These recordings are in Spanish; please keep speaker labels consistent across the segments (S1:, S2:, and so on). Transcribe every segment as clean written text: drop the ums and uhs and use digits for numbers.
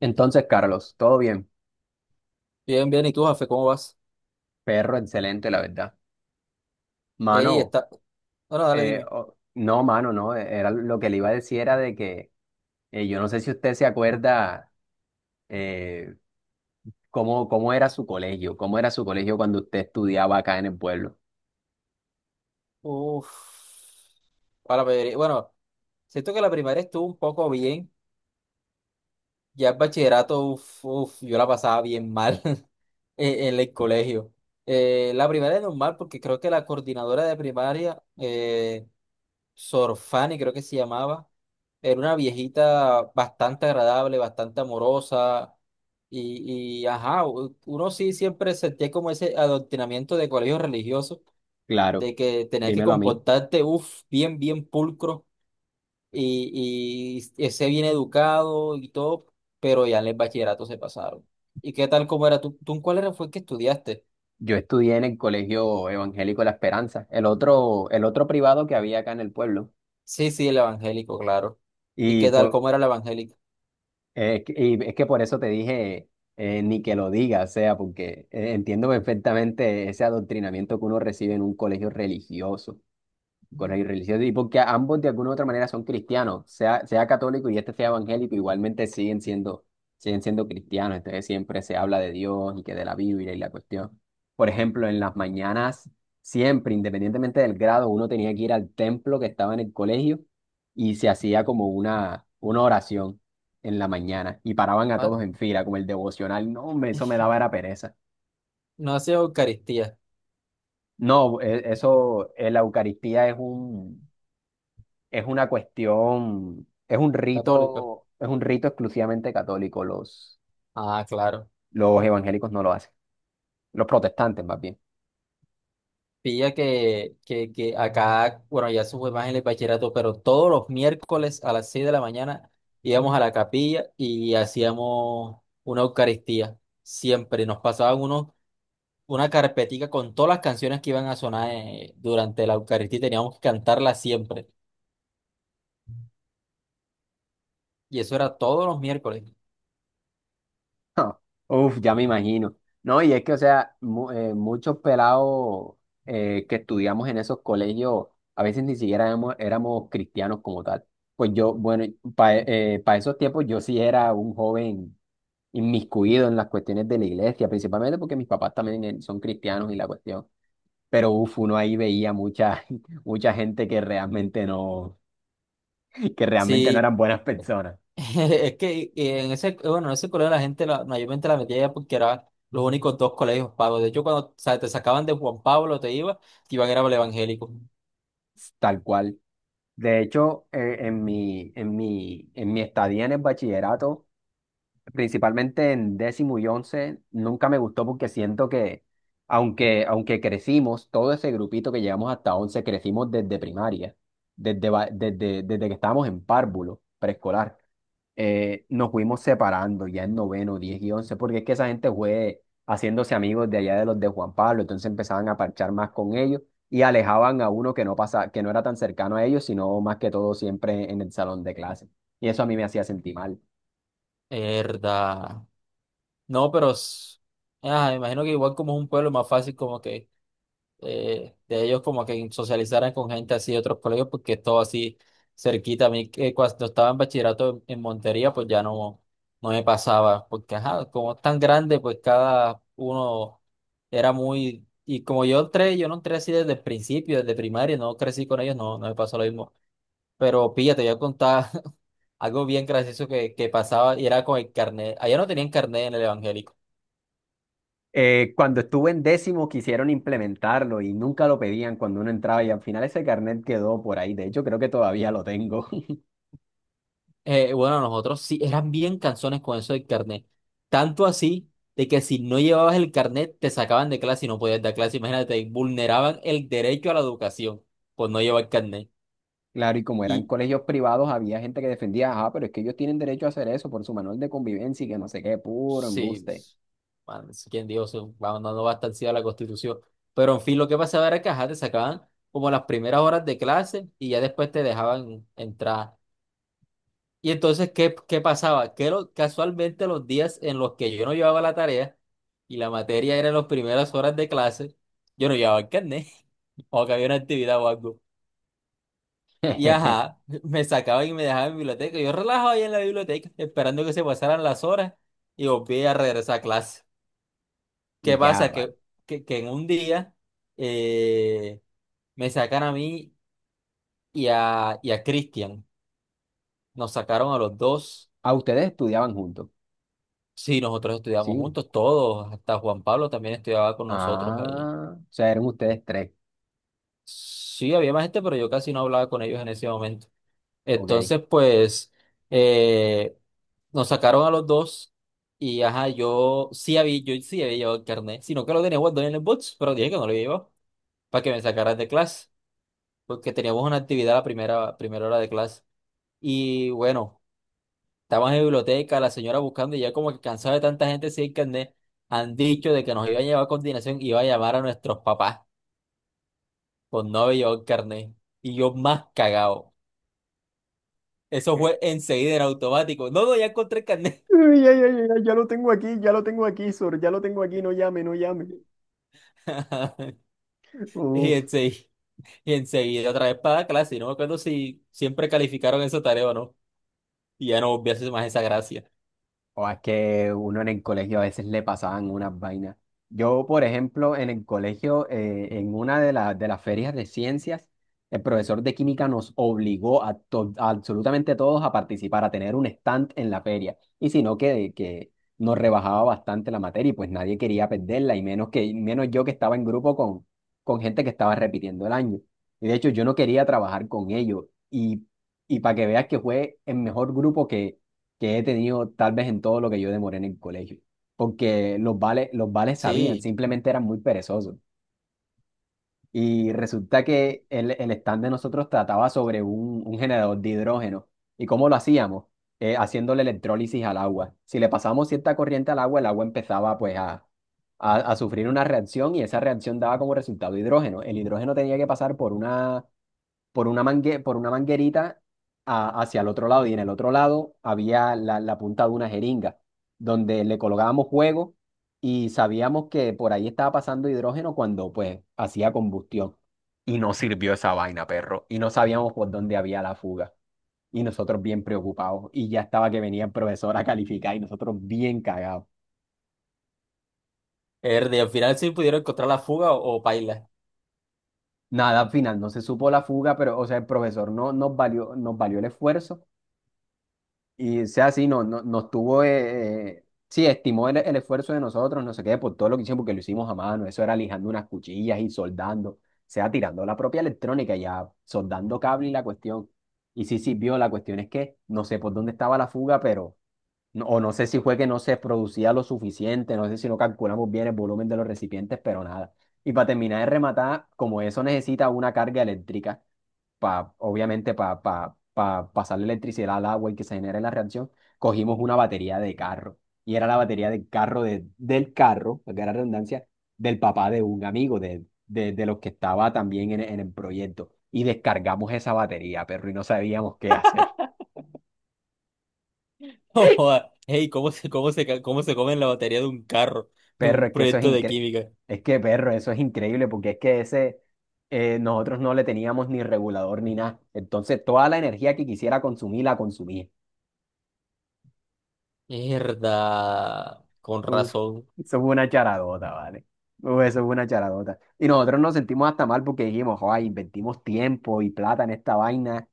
S1: Entonces, Carlos, todo bien.
S2: Bien, bien. ¿Y tú, Jafe, cómo vas?
S1: Perro, excelente, la verdad.
S2: Ey,
S1: Mano,
S2: está. Bueno, dale, dime.
S1: mano, no. Era lo que le iba a decir era de que yo no sé si usted se acuerda eh, cómo era su colegio, cómo era su colegio cuando usted estudiaba acá en el pueblo.
S2: Uf. Bueno, siento que la primaria estuvo un poco bien. Ya el bachillerato, uf, uf, yo la pasaba bien mal en el colegio. La primaria es normal porque creo que la coordinadora de primaria, Sor Fanny, creo que se llamaba, era una viejita bastante agradable, bastante amorosa. Y ajá, uno sí siempre sentía como ese adoctrinamiento de colegio religioso,
S1: Claro,
S2: de que tenés que
S1: dímelo a mí.
S2: comportarte, uff, bien, bien pulcro y ese bien educado y todo, pero ya en el bachillerato se pasaron. ¿Y qué tal cómo era tú? ¿Tú en cuál era fue que estudiaste?
S1: Yo estudié en el Colegio Evangélico La Esperanza, el otro privado que había acá en el pueblo.
S2: Sí, sí, el evangélico, claro. ¿Y
S1: Y
S2: qué tal
S1: pues
S2: cómo era el evangélico?
S1: es que, y es que por eso te dije, ni que lo diga, o sea, porque entiendo perfectamente ese adoctrinamiento que uno recibe en un colegio religioso con el religioso, y porque ambos de alguna u otra manera son cristianos, sea, sea católico y este sea evangélico, igualmente siguen siendo cristianos, entonces siempre se habla de Dios y que de la Biblia y la cuestión. Por ejemplo, en las mañanas, siempre, independientemente del grado, uno tenía que ir al templo que estaba en el colegio y se hacía como una oración en la mañana, y paraban a
S2: Ah,
S1: todos en fila, como el devocional. No, hombre, eso me daba era pereza.
S2: no hacía Eucaristía,
S1: No, eso, la Eucaristía es un, es una cuestión,
S2: católico.
S1: es un rito exclusivamente católico.
S2: Ah, claro.
S1: Los evangélicos no lo hacen, los protestantes más bien.
S2: Pilla que acá, bueno, ya eso fue más en el bachillerato, pero todos los miércoles a las 6 de la mañana íbamos a la capilla y hacíamos una Eucaristía. Siempre nos pasaban unos, una carpetica con todas las canciones que iban a sonar durante la Eucaristía y teníamos que cantarla siempre. Y eso era todos los miércoles.
S1: No, uf, ya me imagino. No, y es que, o sea, muchos pelados que estudiamos en esos colegios, a veces ni siquiera éramos, éramos cristianos como tal. Pues yo, bueno, para esos tiempos yo sí era un joven inmiscuido en las cuestiones de la iglesia, principalmente porque mis papás también son cristianos y la cuestión. Pero uf, uno ahí veía mucha, mucha gente que realmente no
S2: Sí.
S1: eran buenas personas,
S2: Es que en ese, bueno, en ese colegio la gente mayormente la metía ya porque eran los únicos dos colegios pagos. De hecho, cuando o sea, te sacaban de Juan Pablo, te iban era para el evangélico.
S1: tal cual. De hecho, en mi estadía en el bachillerato, principalmente en décimo y once, nunca me gustó porque siento que, aunque crecimos, todo ese grupito que llegamos hasta once, crecimos desde primaria, desde que estábamos en párvulo, preescolar. Nos fuimos separando ya en noveno, diez y once, porque es que esa gente fue haciéndose amigos de allá de los de Juan Pablo, entonces empezaban a parchar más con ellos y alejaban a uno que no pasa, que no era tan cercano a ellos, sino más que todo siempre en el salón de clase. Y eso a mí me hacía sentir mal.
S2: Herda. No, ah, me imagino que igual como es un pueblo más fácil como que de ellos como que socializaran con gente así de otros colegios, porque es todo así cerquita. A mí que cuando estaba en bachillerato en Montería, pues ya no, no me pasaba, porque ajá, como es tan grande, pues cada uno era muy... Y como yo entré, yo no entré así desde el principio, desde primaria, no crecí con ellos, no, no me pasó lo mismo. Pero pilla, te voy a contar algo bien gracioso que pasaba y era con el carnet. Allá no tenían carnet en el evangélico.
S1: Cuando estuve en décimo quisieron implementarlo y nunca lo pedían cuando uno entraba, y al final ese carnet quedó por ahí. De hecho, creo que todavía lo tengo.
S2: Bueno, nosotros sí, eran bien canciones con eso del carnet. Tanto así de que si no llevabas el carnet, te sacaban de clase y no podías dar clase. Imagínate, vulneraban el derecho a la educación por no llevar carnet.
S1: Claro, y como eran
S2: Y
S1: colegios privados, había gente que defendía, ah, pero es que ellos tienen derecho a hacer eso por su manual de convivencia y que no sé qué, puro
S2: sí,
S1: embuste.
S2: pues, man, quién dijo, se va no bastante a estar ciega la Constitución. Pero en fin, lo que pasaba era que ajá, te sacaban como las primeras horas de clase y ya después te dejaban entrar. Y entonces, ¿qué, qué pasaba? Que casualmente los días en los que yo no llevaba la tarea y la materia era en las primeras horas de clase, yo no llevaba el carnet o que había una actividad o algo. Y ajá, me sacaban y me dejaban en biblioteca. Yo relajaba ahí en la biblioteca esperando que se pasaran las horas y volví a regresar a clase.
S1: Y
S2: ¿Qué
S1: ya,
S2: pasa?
S1: vale.
S2: Que en un día eh, me sacan a mí y a Cristian. Nos sacaron a los dos.
S1: Ah, ustedes estudiaban juntos.
S2: Sí, nosotros estudiamos
S1: Sí.
S2: juntos, todos, hasta Juan Pablo también estudiaba con nosotros ahí.
S1: Ah, o sea, eran ustedes tres.
S2: Sí, había más gente, pero yo casi no hablaba con ellos en ese momento.
S1: Ok.
S2: Entonces, pues, eh, nos sacaron a los dos y, ajá, yo sí había llevado el carnet, sino que lo tenía guardado en el box, pero dije que no lo llevaba para que me sacaran de clase, porque teníamos una actividad la primera hora de clase. Y bueno. Estaba en la biblioteca, la señora buscando y ya como que cansado de tanta gente sin carnet, han dicho de que nos iba a llevar a continuación, iba a llamar a nuestros papás con no haber llevado el carnet. Y yo más cagado. Eso fue enseguida en automático. No, no, ya encontré el carnet.
S1: Uy, ay, ay, ay, ay, ya lo tengo aquí, ya lo tengo aquí, Sor, ya lo tengo aquí, no llame, no llame.
S2: Y
S1: Uf.
S2: enseguida, y enseguida otra vez para la clase. Y no me acuerdo si siempre calificaron esa tarea o no. Y ya no volví a hacer más esa gracia.
S1: O es que uno en el colegio a veces le pasaban unas vainas. Yo, por ejemplo, en el colegio, en una de, de las ferias de ciencias, el profesor de química nos obligó a, a absolutamente todos a participar, a tener un stand en la feria. Y si no, que nos rebajaba bastante la materia, y pues nadie quería perderla, y menos, menos yo que estaba en grupo con gente que estaba repitiendo el año. Y de hecho, yo no quería trabajar con ellos. Y, y para que veas que fue el mejor grupo que he tenido tal vez en todo lo que yo demoré en el colegio, porque los vales sabían,
S2: Sí.
S1: simplemente eran muy perezosos. Y resulta que el stand de nosotros trataba sobre un generador de hidrógeno. ¿Y cómo lo hacíamos? Haciéndole electrólisis al agua. Si le pasábamos cierta corriente al agua, el agua empezaba pues a sufrir una reacción, y esa reacción daba como resultado hidrógeno. El hidrógeno tenía que pasar por una, por una manguerita hacia el otro lado, y en el otro lado había la, la punta de una jeringa donde le colocábamos fuego, y sabíamos que por ahí estaba pasando hidrógeno cuando pues hacía combustión. Y no sirvió esa vaina, perro. Y no sabíamos por dónde había la fuga. Y nosotros bien preocupados. Y ya estaba que venía el profesor a calificar y nosotros bien cagados.
S2: Ernie, al final sí pudieron encontrar la fuga o paila.
S1: Nada, al final no se supo la fuga, pero o sea, el profesor no nos valió, nos valió el esfuerzo, y sea así, no, no, nos tuvo, sí, estimó el esfuerzo de nosotros, no sé qué, por todo lo que hicimos, porque lo hicimos a mano, eso era lijando unas cuchillas y soldando, o sea, tirando la propia electrónica, ya soldando cable y la cuestión. Y sí sirvió, la cuestión es que no sé por dónde estaba la fuga, pero, o no sé si fue que no se producía lo suficiente, no sé si no calculamos bien el volumen de los recipientes, pero nada. Y para terminar de rematar, como eso necesita una carga eléctrica pa, obviamente para pa, pa pa pasar la electricidad al agua y que se genere la reacción, cogimos una batería de carro. Y era la batería del carro, del carro, que era redundancia, del papá de un amigo, de los que estaba también en el proyecto. Y descargamos esa batería, perro, y no sabíamos qué hacer.
S2: Joda, ey, ¿cómo se, cómo se, cómo se comen la batería de un carro en
S1: Perro,
S2: un
S1: es que eso es
S2: proyecto de
S1: increíble.
S2: química?
S1: Es que, perro, eso es increíble porque es que ese, nosotros no le teníamos ni regulador ni nada. Entonces, toda la energía que quisiera consumir, la consumía.
S2: Mierda, con
S1: Uf,
S2: razón.
S1: eso fue una charadota, ¿vale? Uf, eso fue una charadota. Y nosotros nos sentimos hasta mal porque dijimos, ay, invertimos tiempo y plata en esta vaina,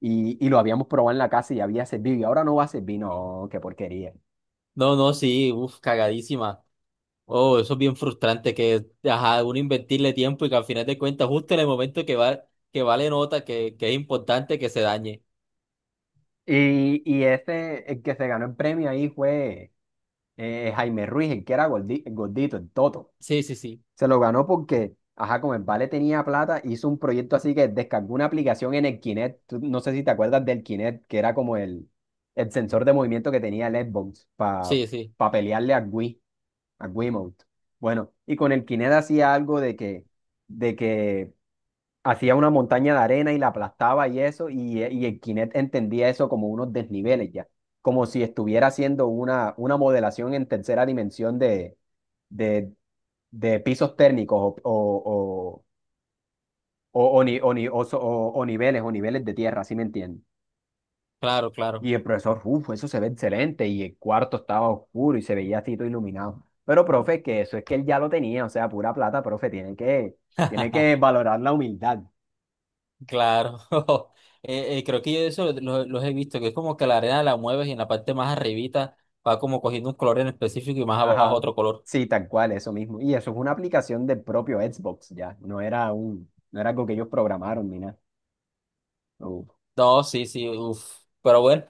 S1: y lo habíamos probado en la casa y había servido y ahora no va a servir, no, qué porquería.
S2: No, no, sí, uff, cagadísima. Oh, eso es bien frustrante que, ajá, uno invertirle tiempo y que al final de cuentas, justo en el momento que va, que vale nota, que es importante que se dañe.
S1: Y este, el que se ganó el premio ahí fue Jaime Ruiz, el que era gordito, el Toto.
S2: Sí, sí, sí,
S1: Se lo ganó porque, ajá, como el Vale tenía plata, hizo un proyecto así que descargó una aplicación en el Kinect. No sé si te acuerdas del Kinect, que era como el sensor de movimiento que tenía el Xbox para
S2: sí, sí,
S1: pelearle a Wii, a Wiimote. Bueno, y con el Kinect hacía algo de que hacía una montaña de arena y la aplastaba y eso, y el Kinect entendía eso como unos desniveles ya, como si estuviera haciendo una modelación en tercera dimensión de, de pisos térmicos o ni- o ni- o so- o niveles de tierra, ¿sí me entiendes?
S2: claro, claro.
S1: Y el profesor, uff, eso se ve excelente, y el cuarto estaba oscuro y se veía así todo iluminado. Pero, profe, que eso es que él ya lo tenía, o sea, pura plata, profe, tiene que valorar la humildad.
S2: Claro, creo que yo eso los he visto, que es como que la arena la mueves y en la parte más arribita va como cogiendo un color en específico y más abajo
S1: Ajá,
S2: otro color.
S1: sí, tal cual, eso mismo. Y eso es una aplicación del propio Xbox ya, no era un, no era algo que ellos programaron ni nada. Uh,
S2: No, sí, sí, uff. Pero bueno,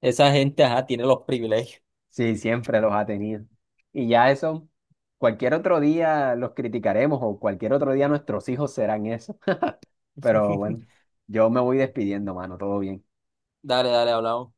S2: esa gente, ajá, tiene los privilegios.
S1: sí, siempre los ha tenido. Y ya eso, cualquier otro día los criticaremos o cualquier otro día nuestros hijos serán eso. Pero bueno, yo me voy despidiendo, mano, todo bien.
S2: Dale, dale, hablamos.